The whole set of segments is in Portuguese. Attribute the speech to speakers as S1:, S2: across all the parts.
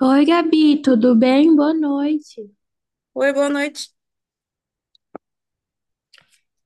S1: Oi, Gabi, tudo bem? Boa noite.
S2: Oi, boa noite.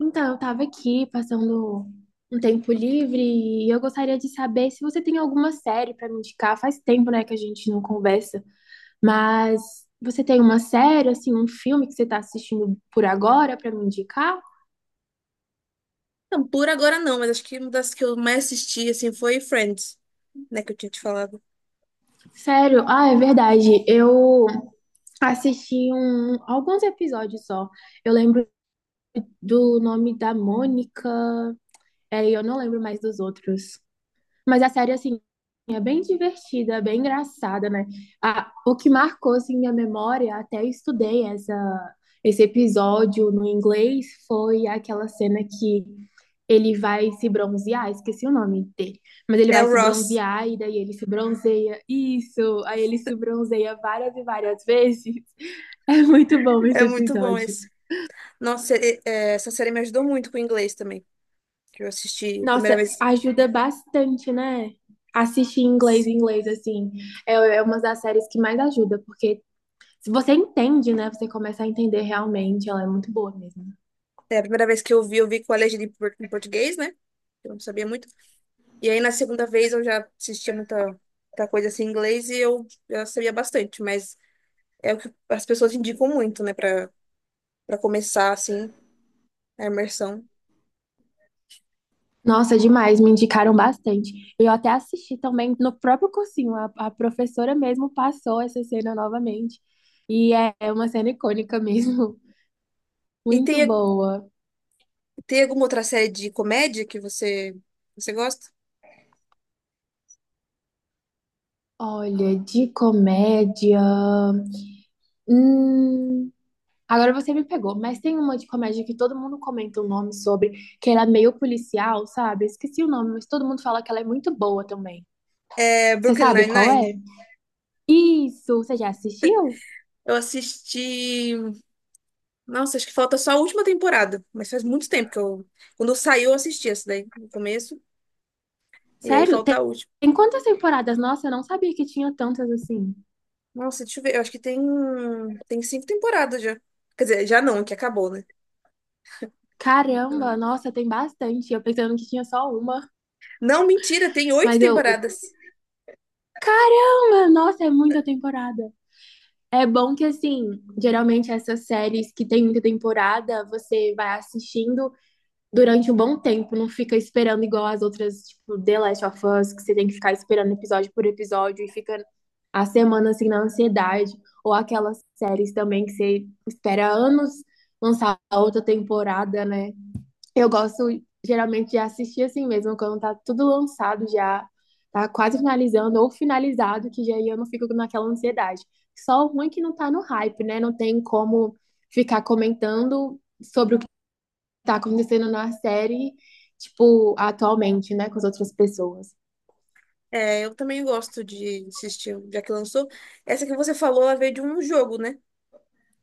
S1: Então, eu estava aqui passando um tempo livre e eu gostaria de saber se você tem alguma série para me indicar. Faz tempo, né, que a gente não conversa, mas você tem uma série, assim, um filme que você está assistindo por agora para me indicar?
S2: Não, por agora não, mas acho que uma das que eu mais assisti, assim, foi Friends, né, que eu tinha te falado.
S1: Sério? Ah, é verdade. Eu assisti alguns episódios só. Eu lembro do nome da Mônica, é, e eu não lembro mais dos outros. Mas a série, assim, é bem divertida, bem engraçada, né? Ah, o que marcou, assim, minha memória, até estudei esse episódio no inglês, foi aquela cena que ele vai se bronzear, esqueci o nome dele, mas ele
S2: É
S1: vai
S2: o
S1: se
S2: Ross.
S1: bronzear e daí ele se bronzeia, isso, aí ele se bronzeia várias e várias vezes. É muito bom esse
S2: É muito bom
S1: episódio.
S2: esse. Nossa, essa série me ajudou muito com o inglês também, que eu assisti a primeira
S1: Nossa,
S2: vez.
S1: ajuda bastante, né? Assistir em inglês, assim, é uma das séries que mais ajuda, porque se você entende, né, você começa a entender realmente, ela é muito boa mesmo.
S2: É, a primeira vez que eu vi com a legenda em português, né? Eu não sabia muito. E aí, na segunda vez, eu já assistia muita coisa assim em inglês e eu já sabia bastante, mas é o que as pessoas indicam muito, né, pra começar, assim, a imersão.
S1: Nossa, demais, me indicaram bastante. Eu até assisti também no próprio cursinho, a professora mesmo passou essa cena novamente, é, é uma cena icônica mesmo,
S2: E
S1: muito
S2: tem
S1: boa.
S2: Tem alguma outra série de comédia que você gosta?
S1: Olha, de comédia. Hum... Agora você me pegou, mas tem uma de comédia que todo mundo comenta o nome sobre, que era meio policial, sabe? Esqueci o nome, mas todo mundo fala que ela é muito boa também.
S2: É
S1: Você
S2: Brooklyn
S1: sabe qual
S2: Nine-Nine?
S1: é? Isso, você já assistiu?
S2: Eu assisti. Nossa, acho que falta só a última temporada, mas faz muito tempo que eu. Quando saiu, eu assisti essa daí, no começo, e aí
S1: Sério?
S2: falta a última.
S1: Tem quantas temporadas? Nossa, eu não sabia que tinha tantas assim.
S2: Nossa, deixa eu ver, eu acho que tem, tem cinco temporadas já. Quer dizer, já não, que acabou, né?
S1: Caramba, nossa, tem bastante. Eu pensando que tinha só uma,
S2: Não, mentira, tem oito
S1: mas
S2: temporadas.
S1: caramba, nossa, é muita temporada. É bom que assim, geralmente essas séries que tem muita temporada, você vai assistindo durante um bom tempo, não fica esperando igual as outras, tipo, The Last of Us, que você tem que ficar esperando episódio por episódio e fica a semana assim na ansiedade, ou aquelas séries também que você espera anos lançar a outra temporada, né? Eu gosto geralmente de assistir assim mesmo, quando tá tudo lançado já, tá quase finalizando ou finalizado, que já aí eu não fico naquela ansiedade. Só o ruim é que não tá no hype, né? Não tem como ficar comentando sobre tá acontecendo na série, tipo, atualmente, né, com as outras pessoas.
S2: É, eu também gosto de assistir, já que lançou. Essa que você falou, ela veio de um jogo, né?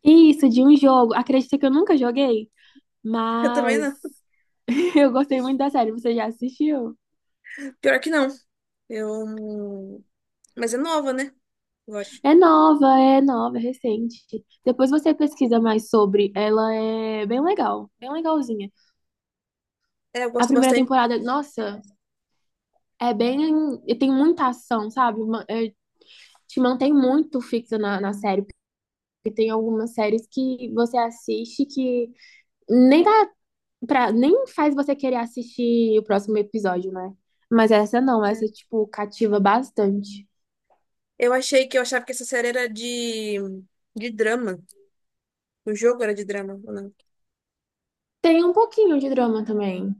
S1: Isso, de um jogo. Acredita que eu nunca joguei,
S2: Eu também
S1: mas
S2: não.
S1: eu gostei muito da série. Você já assistiu?
S2: Pior que não. Eu... Mas é nova, né? Gosto.
S1: É nova, é recente. Depois você pesquisa mais sobre. Ela é bem legal, bem legalzinha.
S2: É, eu
S1: A
S2: gosto
S1: primeira
S2: bastante.
S1: temporada, nossa, é bem. Tem muita ação, sabe? Ma- é, te mantém muito fixa na série. Porque tem algumas séries que você assiste que nem tá pra, nem faz você querer assistir o próximo episódio, né? Mas essa não,
S2: É.
S1: essa, tipo, cativa bastante.
S2: Eu achava que essa série era de drama. O jogo era de drama, ou não?
S1: Tem um pouquinho de drama também.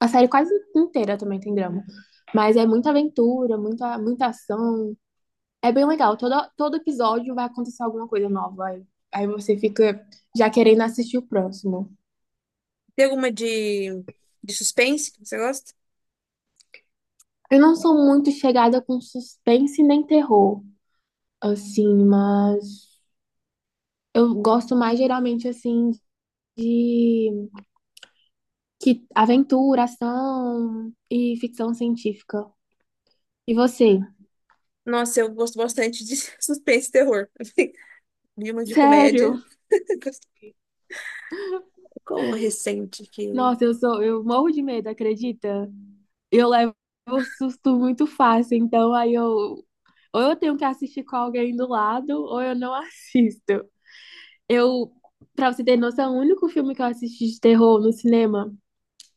S1: A série quase inteira também tem drama. Mas é muita aventura, muita ação. É bem legal. Todo episódio vai acontecer alguma coisa nova. Aí você fica já querendo assistir o próximo.
S2: Tem alguma de suspense que você gosta?
S1: Eu não sou muito chegada com suspense nem terror, assim, mas eu gosto mais geralmente, assim, de que aventura, ação e ficção científica. E você?
S2: Nossa, eu gosto bastante de suspense e terror. Vi uma de
S1: Sério?
S2: comédia. Com uma recente que.
S1: Nossa, eu morro de medo, acredita? Eu levo susto muito fácil, então aí eu ou eu tenho que assistir com alguém do lado ou eu não assisto. Eu, pra você ter noção, o único filme que eu assisti de terror no cinema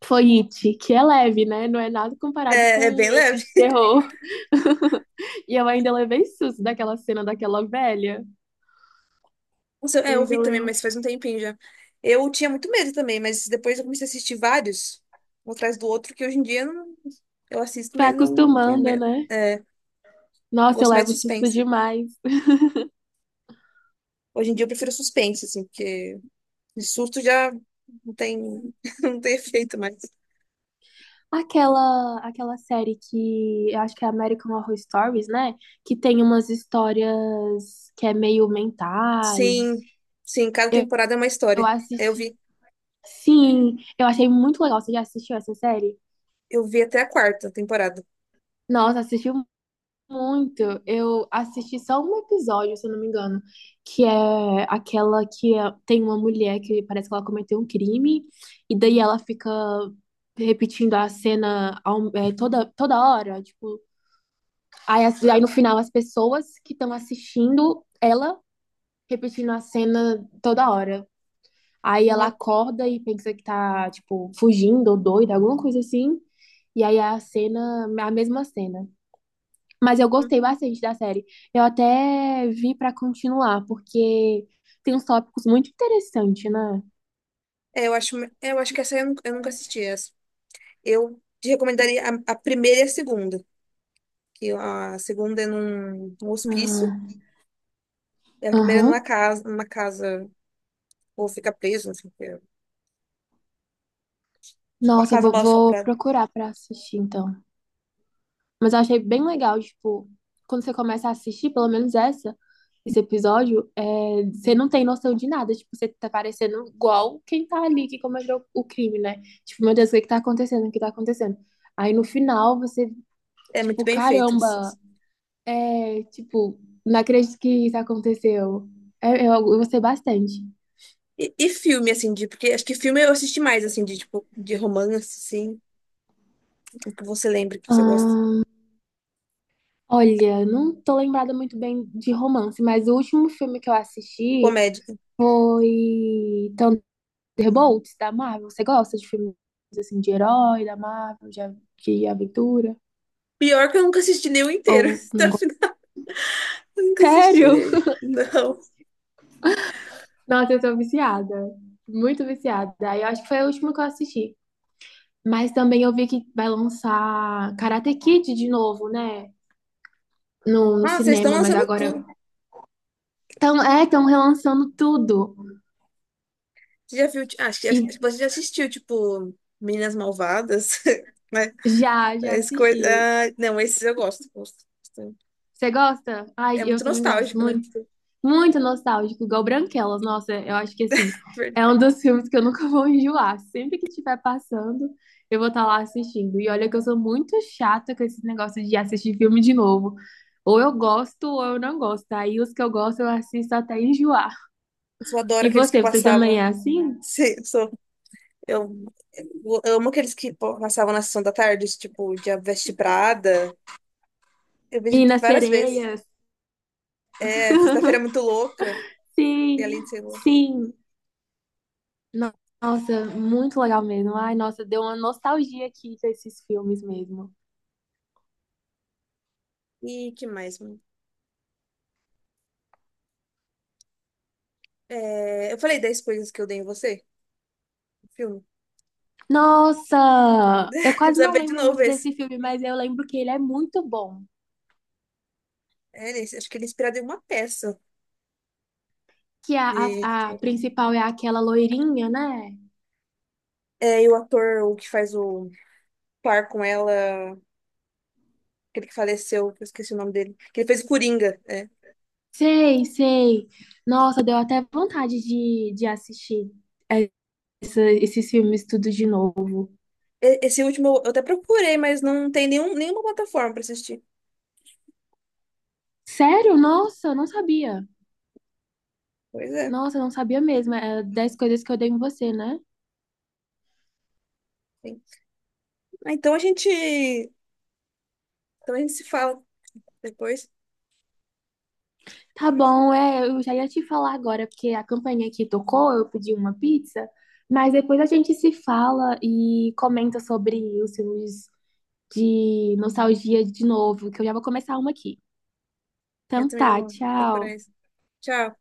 S1: foi It, que é leve, né? Não é nada comparado
S2: É, é
S1: com
S2: bem
S1: esse
S2: leve.
S1: de terror. E eu ainda levei susto daquela cena daquela velha.
S2: Nossa, é,
S1: Eu
S2: eu vi
S1: ainda
S2: também,
S1: lembro.
S2: mas faz um tempinho já. Eu tinha muito medo também, mas depois eu comecei a assistir vários, um atrás do outro, que hoje em dia eu assisto,
S1: Vai
S2: mas não tenho
S1: acostumando,
S2: medo.
S1: né?
S2: É, eu
S1: Nossa, eu
S2: gosto mais de
S1: levo susto
S2: suspense.
S1: demais.
S2: Hoje em dia eu prefiro suspense, assim, porque de susto já não tem, não tem efeito mais.
S1: Aquela série que eu acho que é American Horror Stories, né? Que tem umas histórias que é meio mentais.
S2: Sim, sim, cada
S1: Eu,
S2: temporada é uma
S1: eu
S2: história. Eu
S1: assisti.
S2: vi,
S1: Sim, eu achei muito legal. Você já assistiu essa série?
S2: eu vi até a quarta temporada.
S1: Nossa, assistiu muito. Eu assisti só um episódio, se eu não me engano, que é aquela que é- tem uma mulher que parece que ela cometeu um crime, e daí ela fica repetindo a cena ao- é, toda hora. Tipo, aí, as- aí
S2: Não,
S1: no final as pessoas que estão assistindo ela repetindo a cena toda hora. Aí ela
S2: não,
S1: acorda e pensa que tá, tipo, fugindo ou doida, alguma coisa assim. E aí a cena, a mesma cena. Mas eu
S2: não.
S1: gostei bastante da série. Eu até vi pra continuar, porque tem uns tópicos muito interessantes, né?
S2: Eu acho que essa eu nunca assisti essa. Eu te recomendaria a primeira e a segunda. Que a segunda é num hospício,
S1: Ah,
S2: e a primeira é
S1: aham.
S2: numa casa, ou fica preso, não sei o que. Uma
S1: Nossa,
S2: casa mal
S1: vou
S2: assombrada.
S1: procurar pra assistir, então. Mas eu achei bem legal, tipo, quando você começa a assistir, pelo menos esse episódio, é, você não tem noção de nada. Tipo, você tá parecendo igual quem tá ali que cometeu o crime, né? Tipo, meu Deus, o que que tá acontecendo? O que tá acontecendo? Aí no final você,
S2: É muito
S1: tipo,
S2: bem feita.
S1: caramba. É, tipo, não acredito que isso aconteceu. É, eu gostei bastante.
S2: E filme, assim, porque acho que filme eu assisti mais, assim, de tipo, de romance, assim, o que você lembra que você gosta.
S1: Ah, olha, não tô lembrada muito bem de romance, mas o último filme que eu assisti
S2: Comédia.
S1: foi Thunderbolts, da Marvel. Você gosta de filmes assim de herói, da Marvel, a- de aventura?
S2: Pior que eu nunca assisti nenhum inteiro.
S1: Ou
S2: Até
S1: não
S2: o
S1: gosta?
S2: final, eu nunca assisti
S1: Sério?
S2: nenhum. Não.
S1: Nossa, eu tô viciada. Muito viciada. Aí eu acho que foi o último que eu assisti. Mas também eu vi que vai lançar Karate Kid de novo, né? No
S2: Ah, vocês estão
S1: cinema, mas
S2: lançando
S1: agora
S2: tudo.
S1: estão é, tão relançando tudo.
S2: Você já viu? Ti- Ah, acho que
S1: E
S2: você já assistiu, tipo, Meninas Malvadas, né?
S1: já
S2: Esse coisa...
S1: assisti.
S2: ah, não, esses eu gosto, gosto bastante.
S1: Você gosta? Ai,
S2: É
S1: eu
S2: muito
S1: também gosto
S2: nostálgico, né?
S1: muito. Muito nostálgico, igual Branquelas. Nossa, eu acho que assim, é um
S2: Verdade.
S1: dos filmes que eu nunca vou enjoar. Sempre que estiver passando, eu vou estar lá assistindo. E olha que eu sou muito chata com esses negócios de assistir filme de novo. Ou eu gosto ou eu não gosto. Aí os que eu gosto eu assisto até enjoar.
S2: Eu só adoro
S1: E
S2: aqueles que
S1: você também
S2: passava
S1: é assim?
S2: sim. Eu, eu amo aqueles que pô, passavam na sessão da tarde, tipo, de A Veste Prada. Eu vi
S1: Minas
S2: várias vezes.
S1: Sereias,
S2: É, Sexta-feira é Muito Louca, e
S1: sim,
S2: além de ser louca.
S1: sim. No- Nossa, muito legal mesmo. Ai, nossa, deu uma nostalgia aqui desses filmes mesmo.
S2: E que mais, mano? É, eu falei 10 coisas que eu dei em você, o filme.
S1: Nossa, eu
S2: Eu
S1: quase
S2: precisava
S1: não
S2: ver de
S1: lembro
S2: novo
S1: muito
S2: esse.
S1: desse filme, mas eu lembro que ele é muito bom.
S2: É, acho que ele é inspirado em uma peça.
S1: Que é
S2: E,
S1: a principal é aquela loirinha, né?
S2: e o ator, o que faz o par com ela, aquele que faleceu, que eu esqueci o nome dele, que ele fez o Coringa.
S1: Sei, sei. Nossa, deu até vontade de assistir essa- esses filmes tudo de novo.
S2: Esse último eu até procurei, mas não tem nenhuma plataforma pra assistir.
S1: Sério? Nossa, eu não sabia.
S2: Pois é.
S1: Nossa, eu não sabia mesmo. É 10 coisas que eu dei em você, né?
S2: Então a gente se fala depois.
S1: Tá bom, é, eu já ia te falar agora, porque a campainha aqui tocou, eu pedi uma pizza, mas depois a gente se fala e comenta sobre os filmes de nostalgia de novo, que eu já vou começar uma aqui.
S2: Eu
S1: Então
S2: também
S1: tá,
S2: vou procurar
S1: tchau.
S2: isso. Tchau.